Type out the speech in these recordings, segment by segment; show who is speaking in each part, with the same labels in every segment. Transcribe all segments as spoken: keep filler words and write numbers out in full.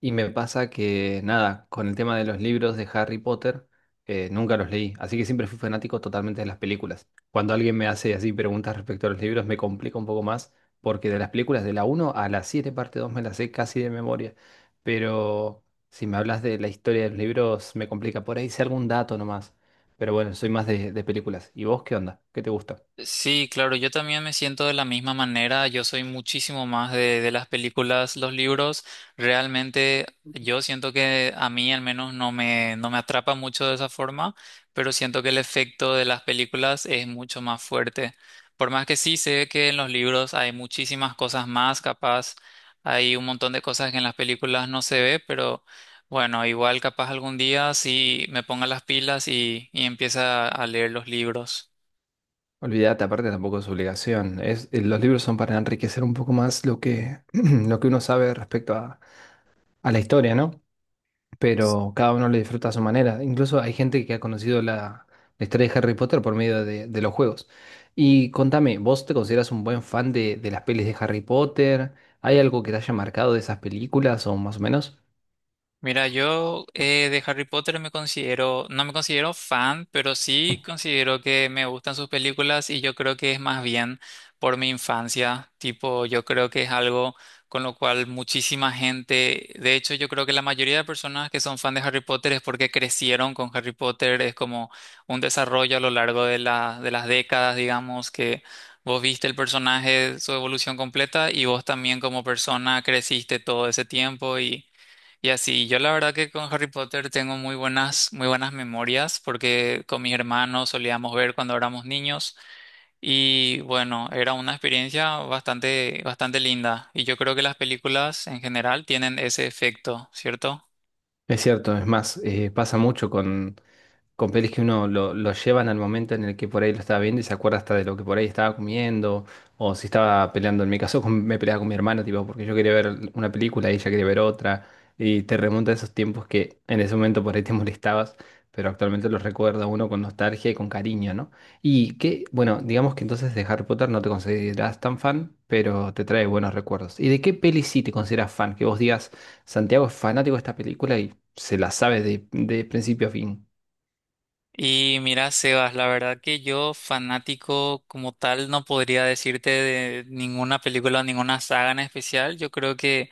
Speaker 1: Y me pasa que, nada, con el tema de los libros de Harry Potter, eh, nunca los leí, así que siempre fui fanático totalmente de las películas. Cuando alguien me hace así preguntas respecto a los libros, me complica un poco más, porque de las películas de la uno a la siete parte dos me las sé casi de memoria. Pero si me hablas de la historia de los libros, me complica. Por ahí sé algún dato nomás. Pero bueno, soy más de, de películas. ¿Y vos qué onda? ¿Qué te gusta?
Speaker 2: Sí, claro, yo también me siento de la misma manera. Yo soy muchísimo más de, de las películas. Los libros, realmente yo siento que a mí al menos no me, no me atrapa mucho de esa forma, pero siento que el efecto de las películas es mucho más fuerte. Por más que sí sé que en los libros hay muchísimas cosas más, capaz hay un montón de cosas que en las películas no se ve, pero bueno, igual capaz algún día sí me ponga las pilas y, y empieza a leer los libros.
Speaker 1: Olvídate, aparte tampoco es obligación. Es, eh, los libros son para enriquecer un poco más lo que, lo que uno sabe respecto a a la historia, ¿no? Pero cada uno lo disfruta a su manera. Incluso hay gente que ha conocido la, la historia de Harry Potter por medio de, de los juegos. Y contame, ¿vos te consideras un buen fan de, de las pelis de Harry Potter? ¿Hay algo que te haya marcado de esas películas o más o menos?
Speaker 2: Mira, yo eh, de Harry Potter me considero, no me considero fan, pero sí considero que me gustan sus películas y yo creo que es más bien por mi infancia. Tipo, yo creo que es algo con lo cual muchísima gente, de hecho, yo creo que la mayoría de personas que son fan de Harry Potter es porque crecieron con Harry Potter. Es como un desarrollo a lo largo de la- de las décadas, digamos, que vos viste el personaje, su evolución completa y vos también como persona creciste todo ese tiempo y y así, yo la verdad que con Harry Potter tengo muy buenas, muy buenas memorias porque con mis hermanos solíamos ver cuando éramos niños y bueno, era una experiencia bastante, bastante linda y yo creo que las películas en general tienen ese efecto, ¿cierto?
Speaker 1: Es cierto, es más, eh, pasa mucho con con pelis que uno lo, lo llevan al momento en el que por ahí lo estaba viendo y se acuerda hasta de lo que por ahí estaba comiendo o si estaba peleando. En mi caso con- me peleaba con mi hermano, tipo, porque yo quería ver una película y ella quería ver otra. Y te remonta a esos tiempos que en ese momento por ahí te molestabas, pero actualmente los recuerda uno con nostalgia y con cariño, ¿no? Y que, bueno, digamos que entonces de Harry Potter no te consideras tan fan, pero te trae buenos recuerdos. ¿Y de qué peli sí te consideras fan? Que vos digas, Santiago es fanático de esta película y se la sabe de, de principio a fin.
Speaker 2: Y mira, Sebas, la verdad que yo fanático como tal no podría decirte de ninguna película o ninguna saga en especial. Yo creo que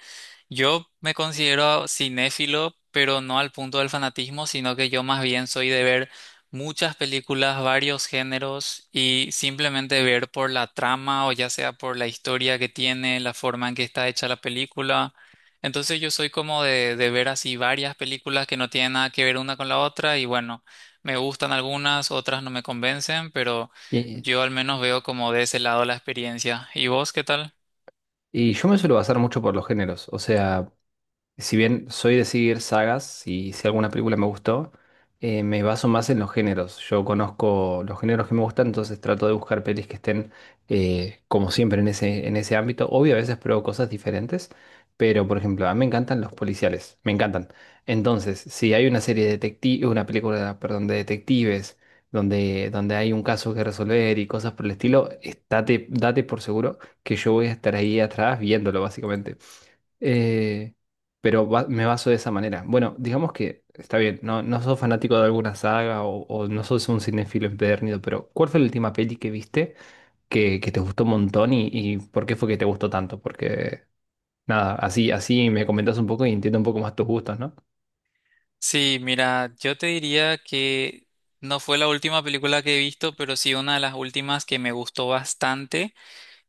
Speaker 2: yo me considero cinéfilo, pero no al punto del fanatismo, sino que yo más bien soy de ver muchas películas, varios géneros y simplemente ver por la trama o ya sea por la historia que tiene, la forma en que está hecha la película. Entonces yo soy como de, de ver así varias películas que no tienen nada que ver una con la otra y bueno. Me gustan algunas, otras no me convencen, pero yo al menos veo como de ese lado la experiencia. ¿Y vos qué tal?
Speaker 1: Y yo me suelo basar mucho por los géneros. O sea, si bien soy de seguir sagas y si alguna película me gustó, eh, me baso más en los géneros. Yo conozco los géneros que me gustan, entonces trato de buscar pelis que estén, eh, como siempre, en ese, en ese ámbito. Obvio, a veces pruebo cosas diferentes, pero por ejemplo, a mí me encantan los policiales, me encantan. Entonces, si hay una serie de detectives, una película, perdón, de detectives, donde, donde hay un caso que resolver y cosas por el estilo, estate- date por seguro que yo voy a estar ahí atrás viéndolo, básicamente. Eh, pero va- me baso de esa manera. Bueno, digamos que está bien, no, no sos fanático de alguna saga o, o no sos un cinéfilo empedernido, pero ¿cuál fue la última peli que viste que, que te gustó un montón y, y por qué fue que te gustó tanto? Porque nada, así, así me comentas un poco y entiendo un poco más tus gustos, ¿no?
Speaker 2: Sí, mira, yo te diría que no fue la última película que he visto, pero sí una de las últimas que me gustó bastante,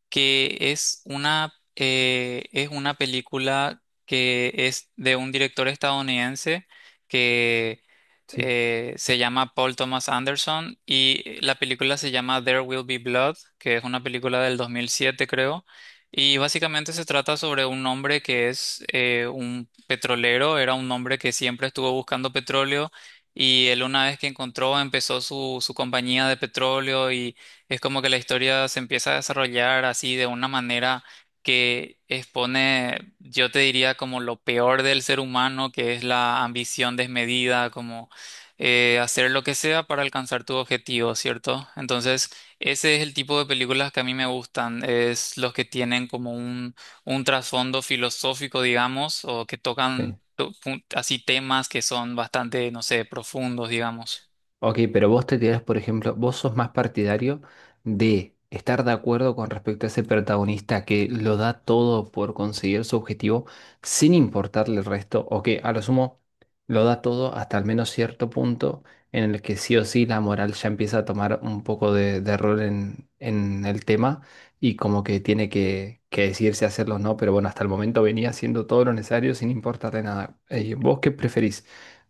Speaker 2: que es una, eh, es una película que es de un director estadounidense que
Speaker 1: Sí,
Speaker 2: eh, se llama Paul Thomas Anderson y la película se llama There Will Be Blood, que es una película del dos mil siete creo. Y básicamente se trata sobre un hombre que es eh, un petrolero, era un hombre que siempre estuvo buscando petróleo y él una vez que encontró empezó su, su compañía de petróleo y es como que la historia se empieza a desarrollar así de una manera que expone, yo te diría, como lo peor del ser humano, que es la ambición desmedida, como eh, hacer lo que sea para alcanzar tu objetivo, ¿cierto? Entonces, ese es el tipo de películas que a mí me gustan, es los que tienen como un, un trasfondo filosófico, digamos, o que tocan
Speaker 1: sí.
Speaker 2: to- pun- así temas que son bastante, no sé, profundos, digamos.
Speaker 1: Ok, pero vos te tirás, por ejemplo, vos sos más partidario de estar de acuerdo con respecto a ese protagonista que lo da todo por conseguir su objetivo sin importarle el resto, o que a lo sumo lo da todo hasta al menos cierto punto en el que sí o sí la moral ya empieza a tomar un poco de, de rol en, en el tema y como que tiene que, que decidirse hacerlo o no, pero bueno, hasta el momento venía haciendo todo lo necesario sin importarle nada. Eh, ¿vos qué preferís?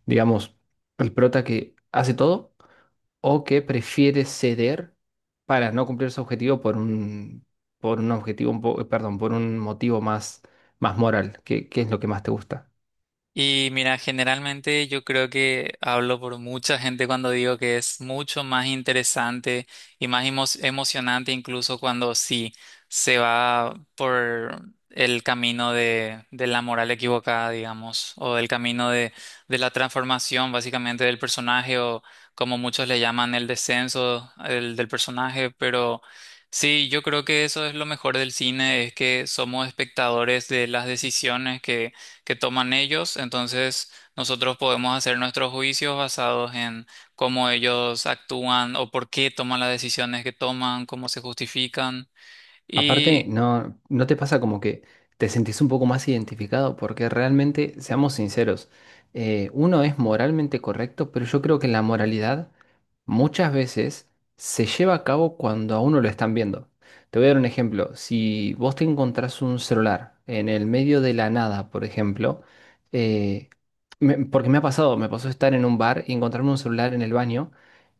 Speaker 1: Digamos, el prota que hace todo o que prefiere ceder para no cumplir su objetivo por un, por un objetivo, un po- perdón, por un motivo más, más moral. ¿Qué, qué es lo que más te gusta?
Speaker 2: Y mira, generalmente yo creo que hablo por mucha gente cuando digo que es mucho más interesante y más emo- emocionante incluso cuando sí se va por el camino de, de la moral equivocada, digamos, o del camino de, de la transformación básicamente del personaje o como muchos le llaman el descenso el, del personaje, pero sí, yo creo que eso es lo mejor del cine, es que somos espectadores de las decisiones que que toman ellos. Entonces nosotros podemos hacer nuestros juicios basados en cómo ellos actúan o por qué toman las decisiones que toman, cómo se justifican.
Speaker 1: Aparte, no, ¿no te pasa como que te sentís un poco más identificado? Porque realmente, seamos sinceros, eh, uno es moralmente correcto, pero yo creo que la moralidad muchas veces se lleva a cabo cuando a uno lo están viendo. Te voy a dar un ejemplo. Si vos te encontrás un celular en el medio de la nada, por ejemplo, eh, me- porque me ha pasado, me pasó estar en un bar y encontrarme un celular en el baño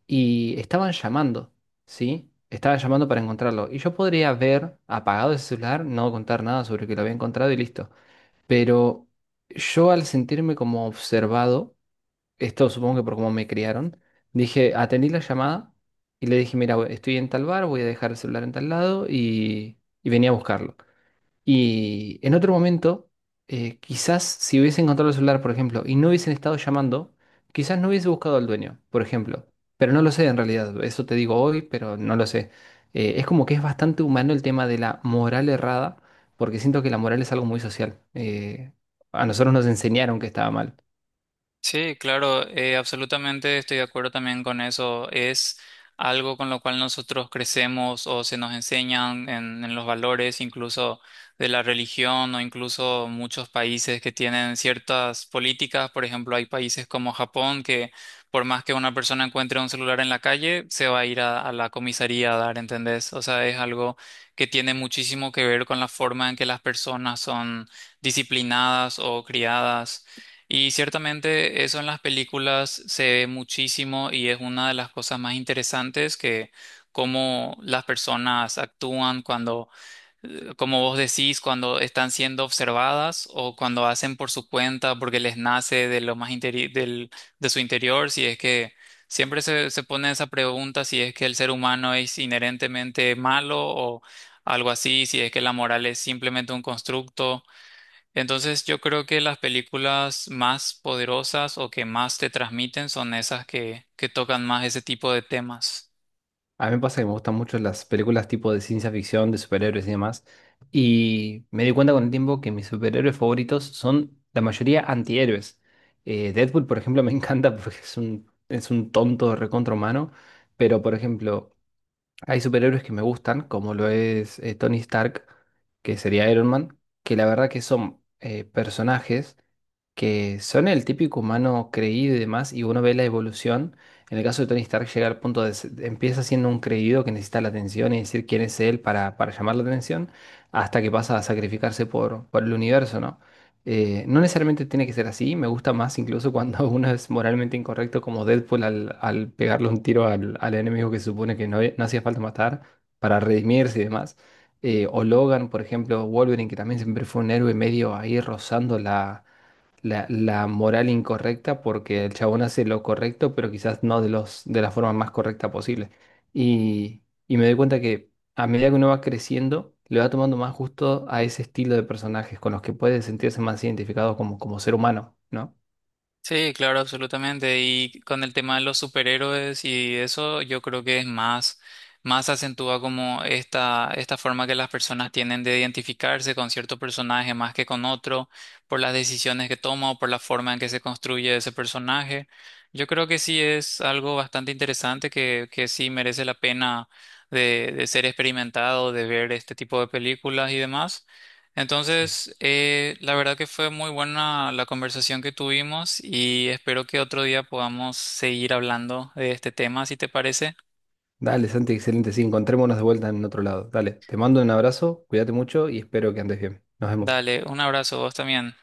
Speaker 1: y estaban llamando. ¿Sí? Estaba llamando para encontrarlo. Y yo podría haber apagado ese celular, no contar nada sobre que lo había encontrado y listo. Pero yo al sentirme como observado, esto supongo que por cómo me criaron, dije, atendí la llamada y le dije, mira, we- estoy en tal bar, voy a dejar el celular en tal lado y, y venía a buscarlo. Y en otro momento, eh, quizás si hubiese encontrado el celular, por ejemplo, y no hubiesen estado llamando, quizás no hubiese buscado al dueño, por ejemplo. Pero no lo sé en realidad, eso te digo hoy, pero no lo sé. Eh, es como que es bastante humano el tema de la moral errada, porque siento que la moral es algo muy social. Eh, a nosotros nos enseñaron que estaba mal.
Speaker 2: Sí, claro, eh, absolutamente estoy de acuerdo también con eso. Es algo con lo cual nosotros crecemos o se nos enseñan en, en los valores, incluso de la religión o incluso muchos países que tienen ciertas políticas. Por ejemplo, hay países como Japón que por más que una persona encuentre un celular en la calle, se va a ir a, a la comisaría a dar, ¿entendés? O sea, es algo que tiene muchísimo que ver con la forma en que las personas son disciplinadas o criadas. Y ciertamente eso en las películas se ve muchísimo y es una de las cosas más interesantes que cómo las personas actúan cuando, eh, como vos decís, cuando están siendo observadas o cuando hacen por su cuenta porque les nace de lo más interi- del, de su interior, si es que siempre se, se pone esa pregunta si es que el ser humano es inherentemente malo o algo así, si es que la moral es simplemente un constructo. Entonces yo creo que las películas más poderosas o que más te transmiten son esas que, que tocan más ese tipo de temas.
Speaker 1: A mí me pasa que me gustan mucho las películas tipo de ciencia ficción, de superhéroes y demás. Y me di cuenta con el tiempo que mis superhéroes favoritos son la mayoría antihéroes. Eh, Deadpool, por ejemplo, me encanta porque es un, es un tonto recontra humano. Pero, por ejemplo, hay superhéroes que me gustan, como lo es eh, Tony Stark, que sería Iron Man, que la verdad que son eh, personajes que son el típico humano creído y demás, y uno ve la evolución. En el caso de Tony Stark llega al punto de se- empieza siendo un creído que necesita la atención y decir quién es él para, para llamar la atención, hasta que pasa a sacrificarse por, por el universo, ¿no? Eh, no necesariamente tiene que ser así, me gusta más incluso cuando uno es moralmente incorrecto como Deadpool al, al pegarle un tiro al, al enemigo que se supone que no, no hacía falta matar para redimirse y demás. Eh, o Logan, por ejemplo, Wolverine, que también siempre fue un héroe medio ahí rozando la, la, la moral incorrecta porque el chabón hace lo correcto, pero quizás no de los, de la forma más correcta posible. Y, y me doy cuenta que a medida que uno va creciendo, le va tomando más gusto a ese estilo de personajes con los que puede sentirse más identificado como, como ser humano, ¿no?
Speaker 2: Sí, claro, absolutamente. Y con el tema de los superhéroes y eso, yo creo que es más, más acentúa como esta, esta forma que las personas tienen de identificarse con cierto personaje más que con otro, por las decisiones que toma o por la forma en que se construye ese personaje. Yo creo que sí es algo bastante interesante que, que sí merece la pena de, de ser experimentado, de ver este tipo de películas y demás.
Speaker 1: Sí.
Speaker 2: Entonces, eh, la verdad que fue muy buena la conversación que tuvimos y espero que otro día podamos seguir hablando de este tema, si te parece.
Speaker 1: Dale, Santi, excelente. Sí, encontrémonos de vuelta en otro lado. Dale, te mando un abrazo, cuídate mucho y espero que andes bien. Nos vemos.
Speaker 2: Dale, un abrazo, vos también.